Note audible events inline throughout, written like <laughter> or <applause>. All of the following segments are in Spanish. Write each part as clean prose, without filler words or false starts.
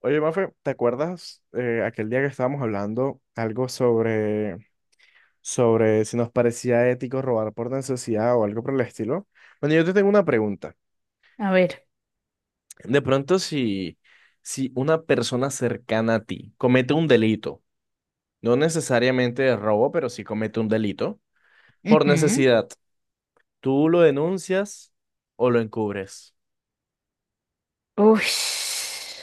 Oye, Mafe, ¿te acuerdas aquel día que estábamos hablando algo sobre si nos parecía ético robar por necesidad o algo por el estilo? Bueno, yo te tengo una pregunta. A ver. De pronto, si una persona cercana a ti comete un delito, no necesariamente de robo, pero sí comete un delito, por Ujú. necesidad, ¿tú lo denuncias o lo encubres? Ush.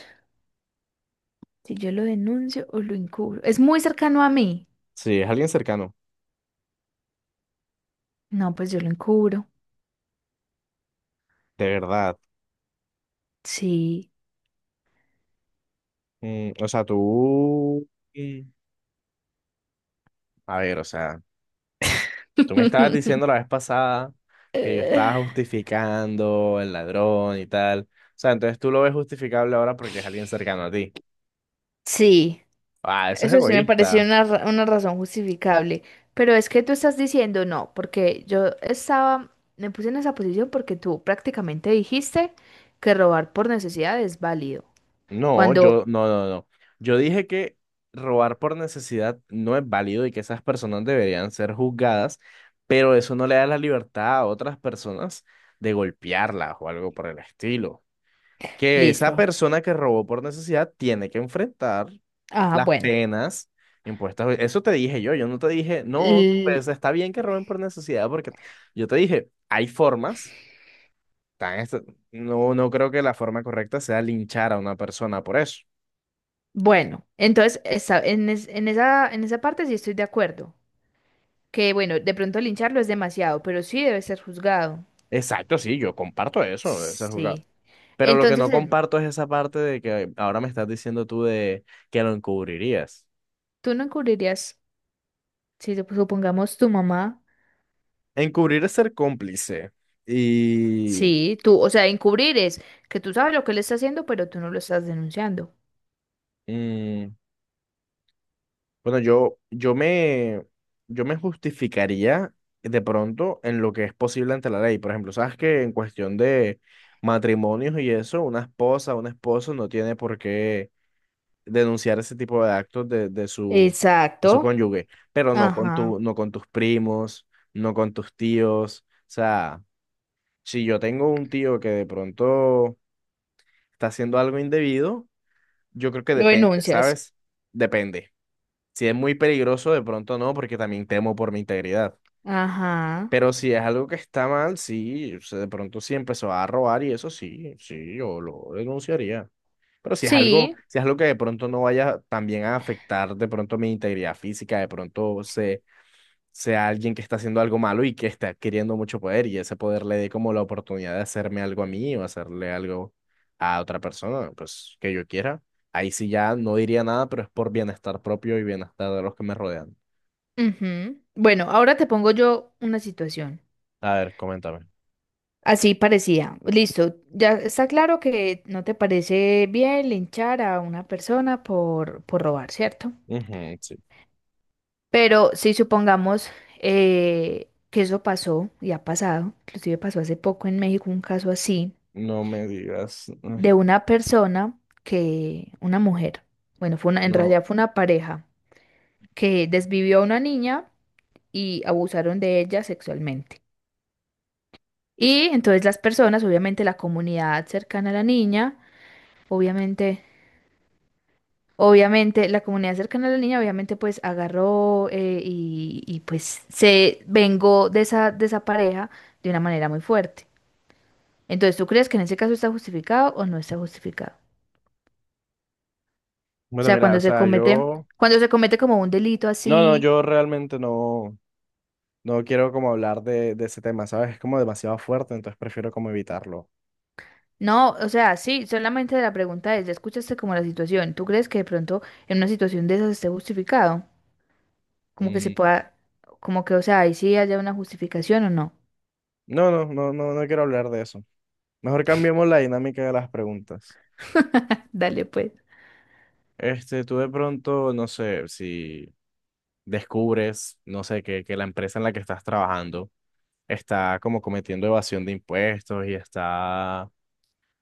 Si yo lo denuncio o lo encubro. Es muy cercano a mí. Sí, es alguien cercano, No, pues yo lo encubro. de verdad. Sí. O sea, tú... Mm. A ver, o sea... Tú me estabas <laughs> diciendo la vez pasada que yo Eh, estaba justificando el ladrón y tal. O sea, entonces tú lo ves justificable ahora porque es alguien cercano a ti. Sí, Ah, eso es eso sí me pareció egoísta. una, una razón justificable. Pero es que tú estás diciendo no, porque yo estaba, me puse en esa posición porque tú prácticamente dijiste que robar por necesidad es válido. No, Cuando, yo, no, no, no. Yo dije que robar por necesidad no es válido y que esas personas deberían ser juzgadas, pero eso no le da la libertad a otras personas de golpearlas o algo por el estilo. Que esa listo. persona que robó por necesidad tiene que enfrentar Ah, las bueno. penas impuestas. Eso te dije yo, yo no te dije, no, pues está bien que roben por necesidad, porque yo te dije, hay formas, tan est- no, no creo que la forma correcta sea linchar a una persona por eso. Bueno, entonces en esa parte sí estoy de acuerdo. Que bueno, de pronto lincharlo es demasiado, pero sí debe ser juzgado. Exacto, sí, yo comparto eso, esa jugada. Sí. Pero lo que Entonces, no en- comparto es esa parte de que ahora me estás diciendo tú de que lo encubrirías. Tú no encubrirías, si supongamos tu mamá, Encubrir es ser cómplice y sí, o sea, encubrir es que tú sabes lo que él está haciendo, pero tú no lo estás denunciando. mm, bueno, yo me justificaría de pronto en lo que es posible ante la ley. Por ejemplo, sabes que en cuestión de matrimonios y eso, una esposa, un esposo no tiene por qué denunciar ese tipo de actos de su Exacto. cónyuge, pero no con Ajá. tu, no con tus primos, no con tus tíos. O sea, si yo tengo un tío que de pronto está haciendo algo indebido, yo creo que Lo depende, denuncias. ¿sabes? Depende. Si es muy peligroso, de pronto no, porque también temo por mi integridad. Ajá. Pero si es algo que está mal, sí, o sea, de pronto sí empezó a robar y eso sí, sí, yo lo denunciaría. Pero si es algo, Sí. si es algo que de pronto no vaya también a afectar de pronto mi integridad física, de pronto se, sea alguien que está haciendo algo malo y que está adquiriendo mucho poder y ese poder le dé como la oportunidad de hacerme algo a mí o hacerle algo a otra persona, pues que yo quiera, ahí sí ya no diría nada, pero es por bienestar propio y bienestar de los que me rodean. Ujú. Bueno, ahora te pongo yo una situación. A ver, coméntame. Así parecía. Listo. Ya está claro que no te parece bien linchar a una persona por robar, ¿cierto? Ujú, sí. Pero si supongamos que eso pasó y ha pasado, inclusive pasó hace poco en México un caso así, No me digas. Ay, de una persona una mujer, bueno, fue una, en no. realidad fue una pareja que desvivió a una niña y abusaron de ella sexualmente. Y entonces las personas, obviamente la comunidad cercana a la niña, obviamente Obviamente, la comunidad cercana a la niña, obviamente, pues agarró pues se vengó de esa pareja de una manera muy fuerte. Entonces, ¿tú crees que en ese caso está justificado o no está justificado? O Bueno, sea, mira, o sea, yo. cuando se comete como un delito No, no, así, yo realmente no, no quiero como hablar de ese tema, ¿sabes? Es como demasiado fuerte, entonces prefiero como evitarlo. no, o sea, sí, solamente la pregunta es, ya escuchaste como la situación, ¿tú crees que de pronto en una situación de esas esté justificado? Como que se Mm, pueda, como que, o sea, ahí sí haya una justificación o no. No, no, no, no, no quiero hablar de eso. Mejor cambiemos la dinámica de las preguntas. <laughs> Dale, pues. Tú de pronto, no sé, si descubres, no sé, que la empresa en la que estás trabajando está como cometiendo evasión de impuestos y está,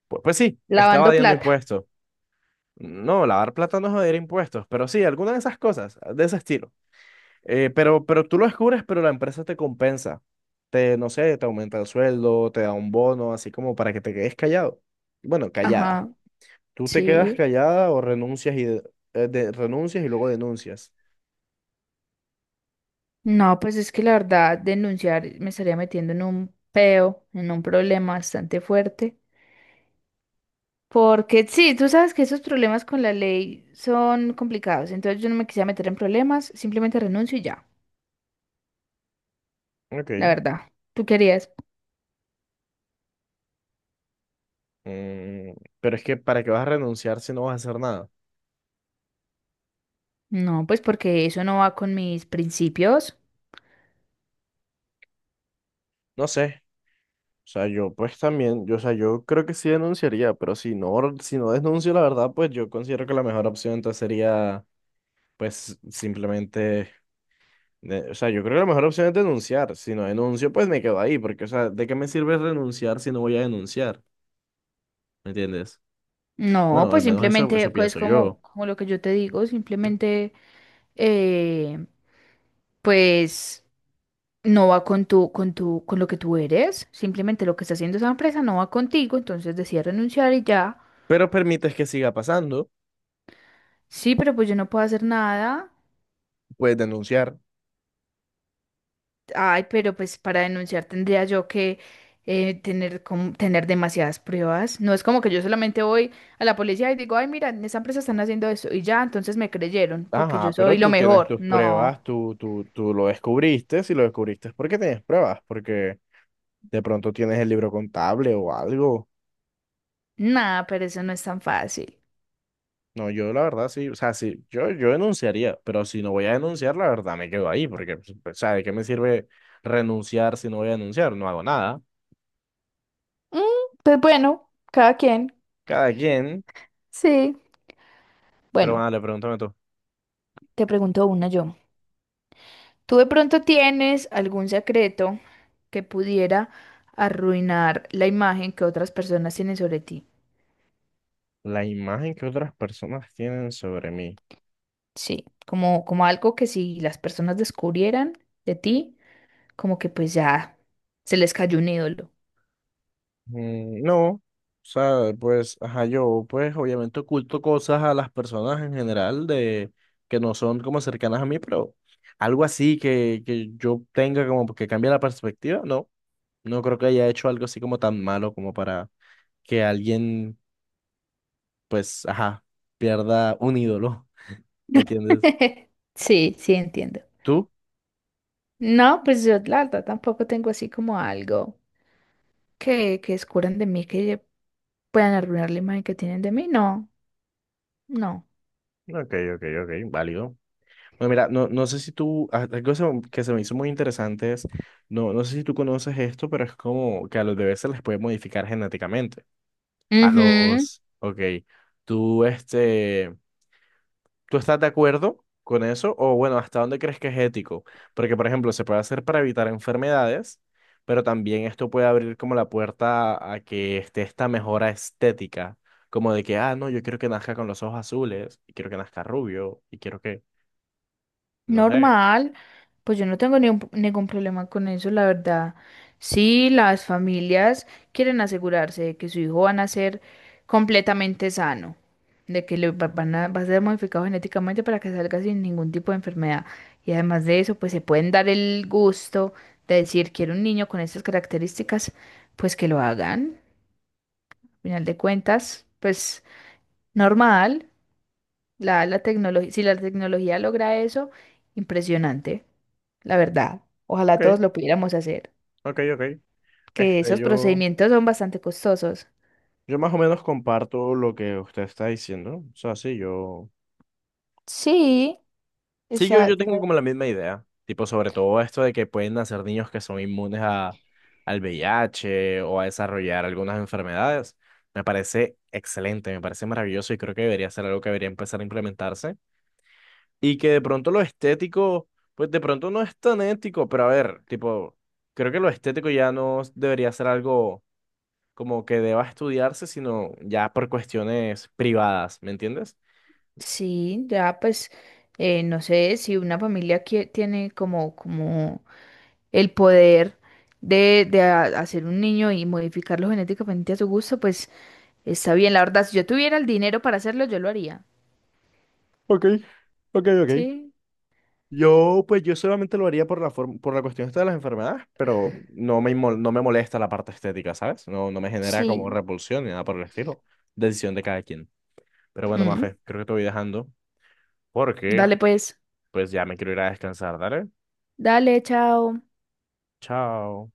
pues sí, está Lavando evadiendo plata. impuestos. No, lavar plata no es evadir impuestos, pero sí, alguna de esas cosas, de ese estilo. Pero tú lo descubres, pero la empresa te compensa. No sé, te aumenta el sueldo, te da un bono, así como para que te quedes callado. Bueno, callada. Ajá, Tú te quedas sí. callada o renuncias y, renuncias y luego denuncias. No, pues es que la verdad, denunciar me estaría metiendo en un peo, en un problema bastante fuerte. Porque sí, tú sabes que esos problemas con la ley son complicados. Entonces yo no me quisiera meter en problemas, simplemente renuncio y ya, la Ok. verdad. ¿Tú querías? Mm, pero es que ¿para qué vas a renunciar si no vas a hacer nada? No, pues porque eso no va con mis principios. No sé. O sea, yo pues también, yo, o sea, yo creo que sí denunciaría, pero si no, si no denuncio la verdad, pues yo considero que la mejor opción entonces sería pues simplemente, o sea, yo creo que la mejor opción es denunciar. Si no denuncio, pues me quedo ahí, porque, o sea, ¿de qué me sirve renunciar si no voy a denunciar? ¿Me entiendes? No, Bueno, al pues menos eso, simplemente eso es pienso yo. como, como lo que yo te digo, simplemente, eh, pues. no va con tu, con tu, con lo que tú eres. Simplemente lo que está haciendo esa empresa no va contigo, entonces decide renunciar y ya. Pero permites que siga pasando, Sí, pero pues yo no puedo hacer nada. puedes denunciar. Ay, pero pues para denunciar tendría yo que tener, tener demasiadas pruebas. No es como que yo solamente voy a la policía y digo, ay, mira, en esa empresa están haciendo eso y ya, entonces me creyeron porque yo Ajá, pero soy lo tú tienes mejor. tus No, pruebas, tú lo descubriste, si lo descubriste es porque tienes pruebas, porque de pronto tienes el libro contable o algo. nada, pero eso no es tan fácil. No, yo la verdad sí, o sea, sí, yo denunciaría, pero si no voy a denunciar, la verdad me quedo ahí, porque, pues, o sea, ¿de qué me sirve renunciar si no voy a denunciar? No hago nada, Mm, pues bueno, cada quien. cada quien, Sí. pero Bueno, bueno, le pregúntame tú, te pregunto una yo. ¿Tú de pronto tienes algún secreto que pudiera arruinar la imagen que otras personas tienen sobre ti? ¿la imagen que otras personas tienen sobre mí? Sí, como, como algo que si las personas descubrieran de ti, como que pues ya se les cayó un ídolo. No, o sea, pues, ajá, yo, pues, obviamente oculto cosas a las personas en general de que no son como cercanas a mí, pero algo así que yo tenga como que cambie la perspectiva, no, no creo que haya hecho algo así como tan malo como para que alguien, pues, ajá, pierda un ídolo, ¿me entiendes? <laughs> Sí, sí, entiendo. ¿Tú? No, pues yo la verdad tampoco tengo así como algo que descubran de mí que puedan arruinar la imagen que tienen de mí. No, no. Ok, ok, ok, válido. Bueno, mira, no, no sé si tú, ah, algo se que se me hizo muy interesante es, no, no sé si tú conoces esto, pero es como que a los bebés se les puede modificar genéticamente. A Ujú. los, ok, tú, ¿tú estás de acuerdo con eso? O bueno, ¿hasta dónde crees que es ético? Porque, por ejemplo, se puede hacer para evitar enfermedades, pero también esto puede abrir como la puerta a que esté esta mejora estética, como de que, ah, no, yo quiero que nazca con los ojos azules, y quiero que nazca rubio, y quiero que, no sé. Normal, pues yo no tengo ni ningún problema con eso, la verdad. Si las familias quieren asegurarse de que su hijo va a nacer completamente sano, de que van a, va a ser modificado genéticamente para que salga sin ningún tipo de enfermedad. Y además de eso, pues se pueden dar el gusto de decir, quiero un niño con estas características, pues que lo hagan. Al final de cuentas, pues normal. La tecnología, si la tecnología logra eso, impresionante, la verdad. Ojalá Ok, todos lo pudiéramos hacer, ok, ok. que Este, esos yo, procedimientos son bastante costosos. yo más o menos comparto lo que usted está diciendo. O sea, sí, yo Sí, sí, yo tengo exacto. como la misma idea, tipo sobre todo esto de que pueden nacer niños que son inmunes a, al VIH o a desarrollar algunas enfermedades. Me parece excelente, me parece maravilloso y creo que debería ser algo que debería empezar a implementarse. Y que de pronto lo estético, pues de pronto no es tan ético, pero a ver, tipo, creo que lo estético ya no debería ser algo como que deba estudiarse, sino ya por cuestiones privadas, ¿me entiendes? Sí, ya pues, no sé si una familia que tiene como, como el poder de, hacer un niño y modificarlo genéticamente a su gusto, pues está bien. La verdad, si yo tuviera el dinero para hacerlo, yo lo haría. Ok, ok, ok. Sí. Yo, pues yo solamente lo haría por la forma, por la cuestión esta de las enfermedades, pero no me, no me molesta la parte estética, ¿sabes? No, no me genera como Sí. repulsión ni nada por el estilo. Decisión de cada quien. Pero bueno, Mm. Mafe, creo que te voy dejando porque Dale pues. pues ya me quiero ir a descansar, ¿dale? Dale, chao. Chao.